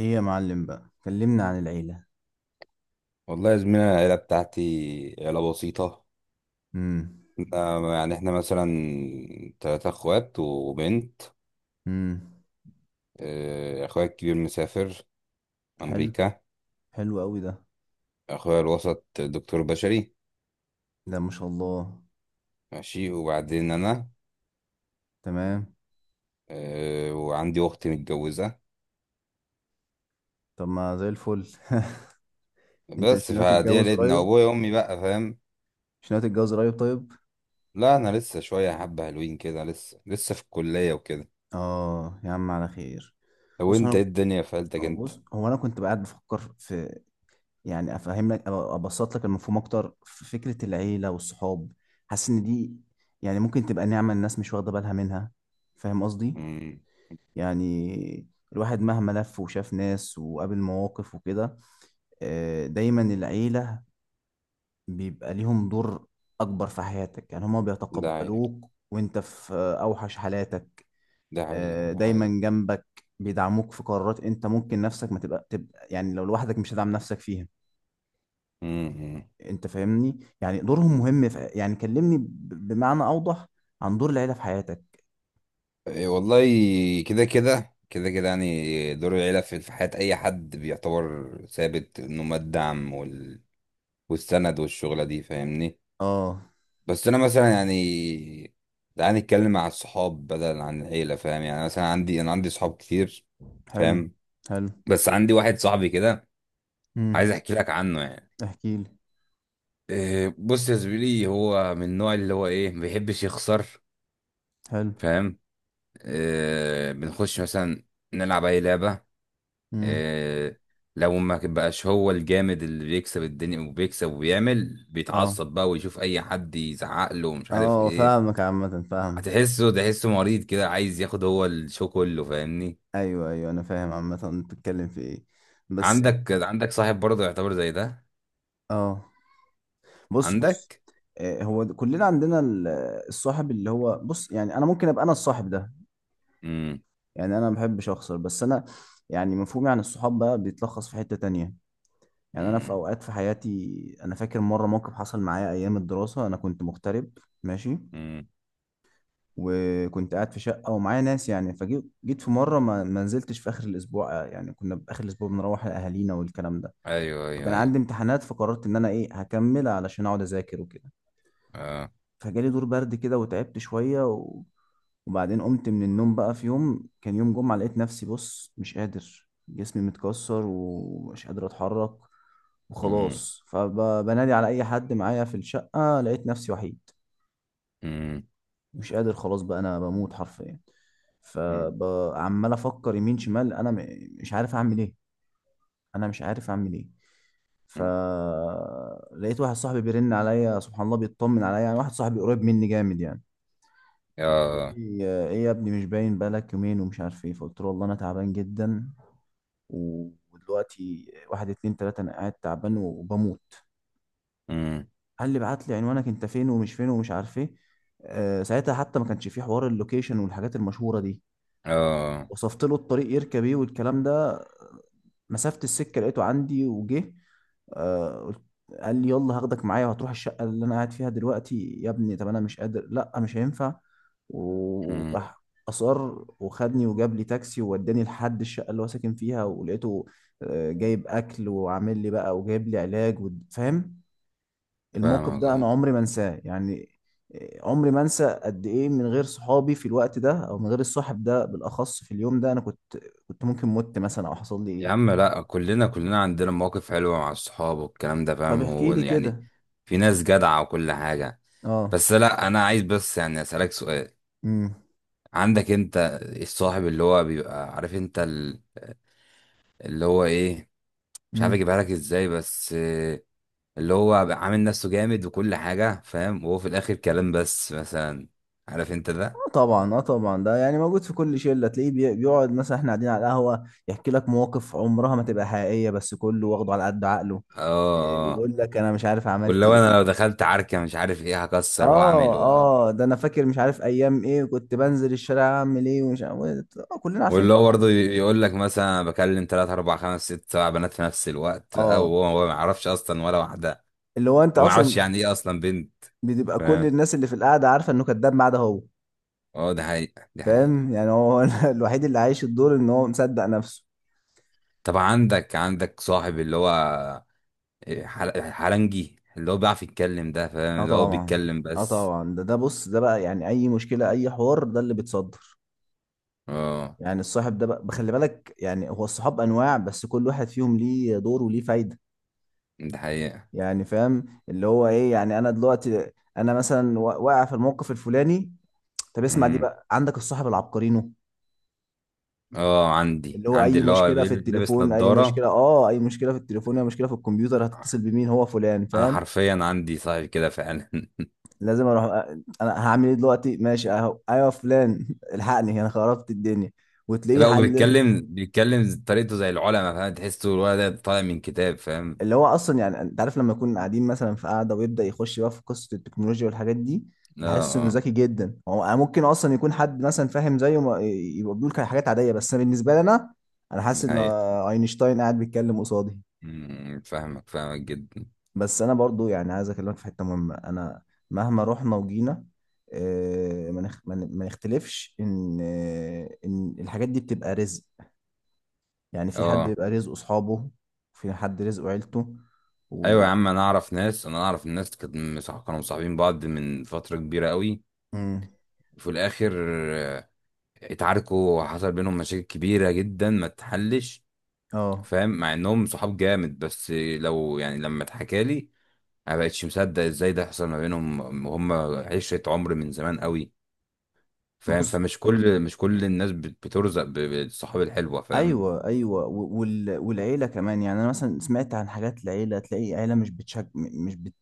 ايه يا معلم بقى، كلمنا عن العيلة. والله يا زميلي، أنا العيلة بتاعتي عيلة بسيطة. امم. يعني احنا مثلا تلاتة اخوات وبنت. امم. اخويا الكبير مسافر حلو. امريكا. حلو قوي ده. اخويا الوسط دكتور بشري. ده ما شاء الله. ماشي، وبعدين انا... تمام. وعندي اخت متجوزة. طب ما زي الفل. انت مش بس ناوي فدي تتجوز عيلتنا قريب؟ وابويا وامي بقى، فاهم. مش ناوي تتجوز قريب؟ طيب. لا، انا لسه شوية حبة حلوين كده، لسه في الكلية وكده. اه، يا عم على خير. لو بص انت، ايه انا الدنيا في عيلتك انت؟ بص هو انا كنت قاعد بفكر في يعني افهم لك أو ابسط لك المفهوم اكتر في فكرة العيلة والصحاب. حاسس ان دي يعني ممكن تبقى نعمة، الناس مش واخدة بالها منها. فاهم قصدي؟ مم. يعني الواحد مهما لف وشاف ناس وقابل مواقف وكده، دايما العيلة بيبقى ليهم دور أكبر في حياتك. يعني هما ده حقيقة، بيتقبلوك وانت في أوحش حالاتك. ده حقيقة، ده دايما حقيقة. جنبك، بيدعموك في قرارات انت ممكن نفسك ما تبقى, تبقى، يعني لو لوحدك مش هتدعم نفسك فيها. انت فاهمني؟ يعني دورهم مم. مهم في، يعني كلمني بمعنى أوضح عن دور العيلة في حياتك. إيه والله. كده كده كده كده، يعني دور العيلة في حياة أي حد بيعتبر ثابت، إنه ما الدعم وال... والسند، والشغلة دي، فاهمني. اه. بس أنا مثلا يعني، تعالى نتكلم مع الصحاب بدل عن العيلة، فاهم. يعني مثلا عندي صحاب كتير، حلو. فاهم. حلو. بس عندي واحد صاحبي كده، امم. عايز أحكي لك عنه يعني. احكي لي. إيه، بص يا زميلي، هو من النوع اللي هو، إيه، ما بيحبش يخسر، حلو. فاهم. إيه، بنخش مثلا نلعب أي لعبة. امم. آه، لو ما بقاش هو الجامد اللي بيكسب الدنيا وبيكسب وبيعمل، اه، بيتعصب بقى ويشوف اي حد يزعق له ومش عارف اه، ايه. فاهمك عامة، فاهم. تحسه مريض كده، عايز ياخد هو الشو كله، فاهمني. ايوه، ايوه، انا فاهم عامة انت بتتكلم في ايه، بس. عندك صاحب برضه يعتبر زي ده؟ اه. بص، بص. عندك. كلنا عندنا الصاحب اللي هو، بص، يعني انا ممكن ابقى انا الصاحب ده. امم. يعني انا ما بحبش اخسر، بس انا يعني مفهومي عن الصحاب بقى بيتلخص في حتة تانية. يعني انا في امم. اوقات في حياتي انا فاكر مرة موقف حصل معايا ايام الدراسة انا كنت مغترب. ماشي. امم. وكنت قاعد في شقة ومعايا ناس، يعني فجيت في مرة ما نزلتش في آخر الأسبوع. يعني كنا في آخر الأسبوع بنروح لأهالينا والكلام ده. ايوه، ايوه، فكان ايوه. عندي امتحانات، فقررت ان انا ايه هكمل علشان اقعد اذاكر وكده. اه. فجالي دور برد كده وتعبت شويه وبعدين قمت من النوم بقى في يوم كان يوم جمعه، لقيت نفسي بص مش قادر، جسمي متكسر ومش قادر اتحرك. امم. وخلاص، فبنادي على اي حد معايا في الشقه، لقيت نفسي وحيد. امم. مش قادر خلاص بقى، انا بموت حرفيا. امم. فعمال افكر يمين شمال، انا مش عارف اعمل ايه. انا مش عارف اعمل ايه. فلقيت واحد صاحبي بيرن عليا، سبحان الله، بيطمن عليا، يعني واحد صاحبي قريب مني جامد يعني. اه. ايه، يا ابني، مش باين بقالك يومين ومش عارف ايه. فقلت له والله انا تعبان جدا. ودلوقتي، واحد، اتنين، تلاتة، انا قاعد تعبان وبموت. امم. قال لي بعت لي عنوانك، انت فين ومش فين ومش عارف ايه. ساعتها حتى ما كانش في حوار اللوكيشن والحاجات المشهورة دي. اه. وصفت له الطريق يركب ايه والكلام ده. مسافة السكة لقيته عندي، وجه. آه، قلت- قال لي يلا، هاخدك معايا وهتروح الشقة اللي أنا قاعد فيها دلوقتي. يا ابني طب أنا مش قادر، لأ مش هينفع. امم، وراح. أصر. وخدني، وجاب لي تاكسي ووداني لحد الشقة اللي هو ساكن فيها، ولقيته جايب أكل وعامل لي بقى، وجايب لي علاج فاهم. الموقف فاهمك. ده أنا اه. عمري ما أنساه يعني. عمري ما أنسى قد إيه من غير صحابي في الوقت ده، أو من غير الصاحب ده بالأخص في اليوم ده، أنا كنت، كنت ممكن مت مثلا أو حصل لي يا إيه. عم، لا، كلنا عندنا مواقف حلوة مع الصحاب والكلام ده، طب فاهم، احكي هو لي يعني كده. في ناس جدعة وكل حاجة. اه. بس لا، أنا عايز بس يعني أسألك سؤال. امم. عندك أنت الصاحب اللي هو بيبقى عارف أنت اللي هو إيه، مش عارف امم. أجيبها لك إزاي، بس اللي هو بيبقى عامل نفسه جامد وكل حاجة، فاهم، وهو في الآخر كلام بس مثلا. عارف أنت ده؟ آه طبعا، اه طبعا، ده يعني موجود في كل شله. تلاقيه بيقعد مثلا احنا قاعدين على القهوه، يحكي لك مواقف عمرها ما تبقى حقيقيه، بس كله واخده على قد عقله. آه، آه. يقول لك انا مش عارف عملت واللي هو أنا لو ايه. دخلت عركة مش عارف إيه، هكسر وأعمل. اه، اه، ده انا فاكر مش عارف ايام ايه، وكنت بنزل الشارع اعمل ايه ومش عارف إيه. آه، كلنا عارفين واللي هو طبعا. برضه يقول لك مثلا، أنا بكلم 3 4 5 6 7 بنات في نفس الوقت بقى، اه. وهو ما يعرفش اصلا ولا واحده، اللي هو انت وما يعرفش اصلا يعني ايه اصلا بنت، بتبقى كل فاهم. الناس اللي في القعده عارفه انه كذاب ما عدا هو. اه، ده حقيقه، ده حقيقه. فاهم يعني؟ هو الوحيد اللي عايش الدور ان هو مصدق نفسه. طب، عندك صاحب اللي هو إيه، حلنجي اللي هو بيعرف يتكلم ده، فاهم، اه اللي هو طبعا، بيتكلم اه بس. طبعا، ده بص، ده بقى يعني اي مشكله، اي حوار، ده اللي بيتصدر. اه، يعني الصاحب ده بقى بخلي بالك، يعني هو الصحاب انواع، بس كل واحد فيهم ليه دور وليه فايده. ده حقيقه. يعني فاهم اللي هو ايه؟ يعني انا دلوقتي انا مثلا واقع في الموقف الفلاني. طب اسمع دي امم. بقى، عندك الصاحب العبقرينو، اه، عندي اللي هو عندي اي اللي هو مشكله في لابس التليفون، نضاره. اي مشكله في التليفون، اي مشكله في الكمبيوتر، هتتصل بمين؟ هو فلان، انا فاهم. حرفيا عندي صاحب كده فعلا لازم اروح انا هعمل ايه دلوقتي؟ ماشي اهو، ايوه يا فلان، الحقني، انا خربت الدنيا. وتلاقيه لا، حل. وبيتكلم طريقته زي العلماء، فاهم، تحسه الولد ده طالع من كتاب، فاهم. اللي هو اصلا يعني انت عارف لما يكون قاعدين مثلا في قاعده ويبدا يخش بقى في قصه التكنولوجيا والحاجات دي، اه، بحس انه اه. ذكي جدا. هو ممكن اصلا يكون حد مثلا فاهم زيه يبقى بيقول حاجات عاديه، بس أنا بالنسبه لي انا حاسس دي ان حقيقة. اينشتاين قاعد بيتكلم قصادي. أمم، فاهمك فاهمك جدا. بس انا برضو يعني عايز اكلمك في حته مهمه، انا مهما رحنا وجينا، آه، ما نخ- ما ن- ما نختلفش ان الحاجات دي بتبقى رزق. يعني في حد اه. بيبقى رزقه اصحابه، وفي حد رزقه عيلته ايوه و... يا عم، انا اعرف ناس، انا اعرف الناس كانت كانوا مصاحبين بعض من فترة كبيرة قوي، مم. وفي الاخر، اتعاركوا وحصل بينهم مشاكل كبيرة جدا ما تحلش، اه. فاهم، مع انهم صحاب جامد. بس لو يعني، لما اتحكى لي ما بقتش مصدق ازاي ده حصل ما بينهم. هم عشرة عمر من زمان قوي، فاهم. بص. فمش كل مش كل الناس بترزق بالصحاب الحلوة، فاهم. ايوه، ايوه، والعيله كمان. يعني انا مثلا سمعت عن حاجات العيله، تلاقي عيله مش بتشج... م- مش بت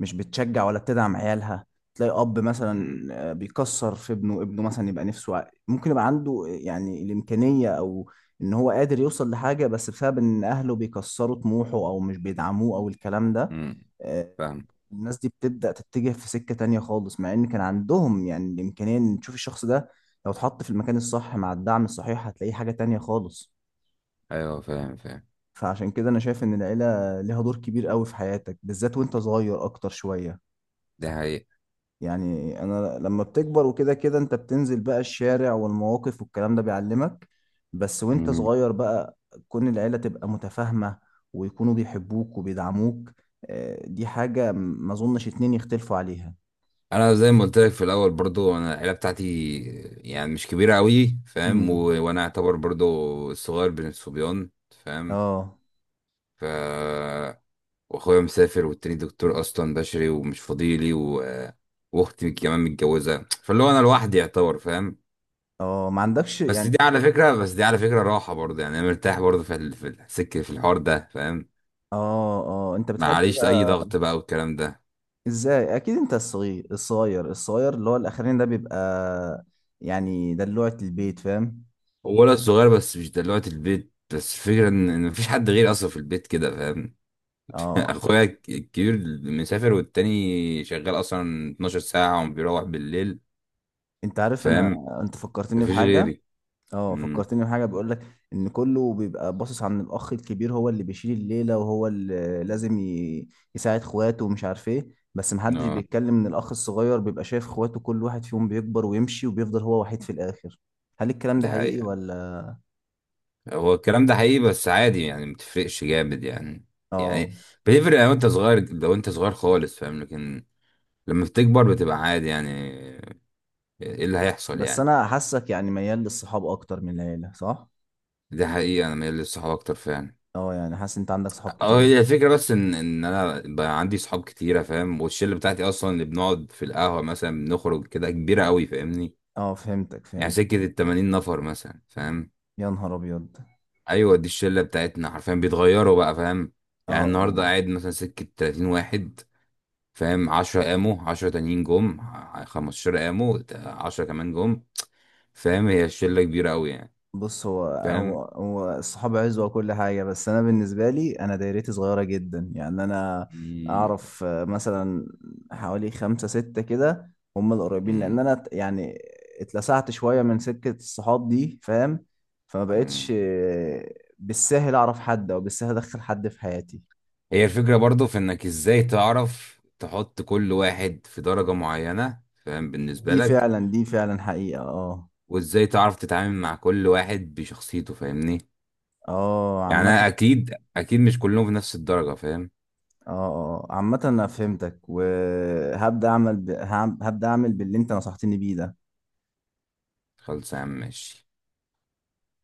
مش بتشجع ولا بتدعم عيالها. تلاقي اب مثلا مم. بيكسر في ابنه. مثلا يبقى نفسه ممكن يبقى عنده يعني الامكانيه، او ان هو قادر يوصل لحاجه، بس بسبب ان اهله بيكسروا طموحه او مش بيدعموه او الكلام ده. مم. آه، فاهم. الناس دي بتبدا تتجه في سكه تانية خالص، مع ان كان عندهم يعني الامكانيه ان تشوف الشخص ده لو اتحط في المكان الصح مع الدعم الصحيح، هتلاقيه حاجة تانية خالص. ايوه، فاهم، فاهم. فعشان كده أنا شايف إن العيلة ليها دور كبير قوي في حياتك، بالذات وأنت صغير أكتر شوية. ده حقيقة. يعني أنا لما بتكبر وكده كده أنت بتنزل بقى الشارع، والمواقف والكلام ده بيعلمك. بس وأنت مم. صغير بقى، كون العيلة تبقى متفاهمة، ويكونوا بيحبوك وبيدعموك، دي حاجة ما أظنش اتنين يختلفوا عليها. انا زي ما قلت لك في الاول برضو، انا العيله بتاعتي يعني مش كبيره قوي، فاهم. و... امم. وانا اعتبر برضو الصغير بين الصبيان، فاهم. اه، ف... واخويا مسافر، والتاني دكتور اصلا بشري ومش فاضيلي و... واختي كمان متجوزه، فاللي هو انا لوحدي يعتبر، فاهم. اه، ما عندكش بس يعني. دي على فكرة، راحة برضه، يعني انا مرتاح برضه في السكة في الحوار ده، فاهم. اه، اه، انت ما بتحب عليش اي بقى. ضغط بقى والكلام ده. ازاي؟ اكيد انت الصغير الصغير الصغير اللي هو الاخرين، ده بيبقى يعني دلوعة البيت، فاهم. هو ولد صغير، بس مش دلوقتي البيت، بس الفكرة إن مفيش حد غيري اصلا في البيت كده، فاهم. اه. اخويا الكبير مسافر، والتاني شغال اصلا 12 ساعة وبيروح بالليل، انت عارف انا، فاهم، انت فكرتني مفيش بحاجة. غيري. اه، امم. فكرتني بحاجة. بيقول لك ان كله بيبقى باصص عن الاخ الكبير، هو اللي بيشيل الليلة وهو اللي لازم يساعد اخواته ومش عارف ايه. بس محدش اه، بيتكلم ان الاخ الصغير بيبقى شايف اخواته كل واحد فيهم بيكبر ويمشي، وبيفضل هو وحيد في الاخر. هل الكلام ده ده حقيقي حقيقة. ولا؟ هو الكلام ده حقيقي، بس عادي يعني، متفرقش جامد يعني. اه. يعني بتفرق لو انت صغير خالص، فاهم، لكن لما بتكبر بتبقى عادي يعني، ايه اللي هيحصل بس يعني. انا حاسك يعني ميال للصحاب اكتر من العيلة، صح؟ دي حقيقة، انا مايل للصحاب اكتر فعلا. اه، يعني حاسس انت عندك صحاب اه، هي كتير. الفكرة بس ان انا بقى عندي صحاب كتيرة، فاهم، والشلة بتاعتي اصلا اللي بنقعد في القهوة مثلا، بنخرج كده كبيرة قوي، فاهمني. اه، فهمتك، يعني فهمتك. سكة ال80 نفر مثلا، فاهم. يا نهار ابيض. ايوه، دي الشلة بتاعتنا حرفيا بيتغيروا بقى، فاهم. اه، يعني اه. النهاردة قاعد مثلا سكة 30 واحد، فاهم، 10 قاموا، 10 تانيين جم، 15 قاموا، 10 كمان جم، فاهم. هي الشلة كبيرة قوي يعني، بص، هو الصحاب عزوة وكل حاجة، بس انا بالنسبة لي انا دايرتي صغيرة جدا، يعني انا فاهم. اعرف مثلا حوالي خمسة ستة كده، هم القريبين. لان مم. انا يعني اتلسعت شوية من سكة الصحاب دي، فاهم. فما بقتش مم. بالسهل اعرف حد او بالسهل ادخل حد في حياتي. هي الفكرة برضو في انك ازاي تعرف تحط كل واحد في درجة معينة، فاهم، بالنسبة دي لك. فعلا، دي فعلا حقيقة، اه. وازاي تعرف تتعامل مع كل واحد بشخصيته، فاهمني. اه، يعني عامة. انا اكيد اكيد مش كلهم في نفس الدرجة، فاهم. اه، آه، اه، عامة انا فهمتك، وهبدأ اعمل ب... هعم- هبدأ اعمل باللي انت نصحتني بيه ده. خلص يا عم، ماشي.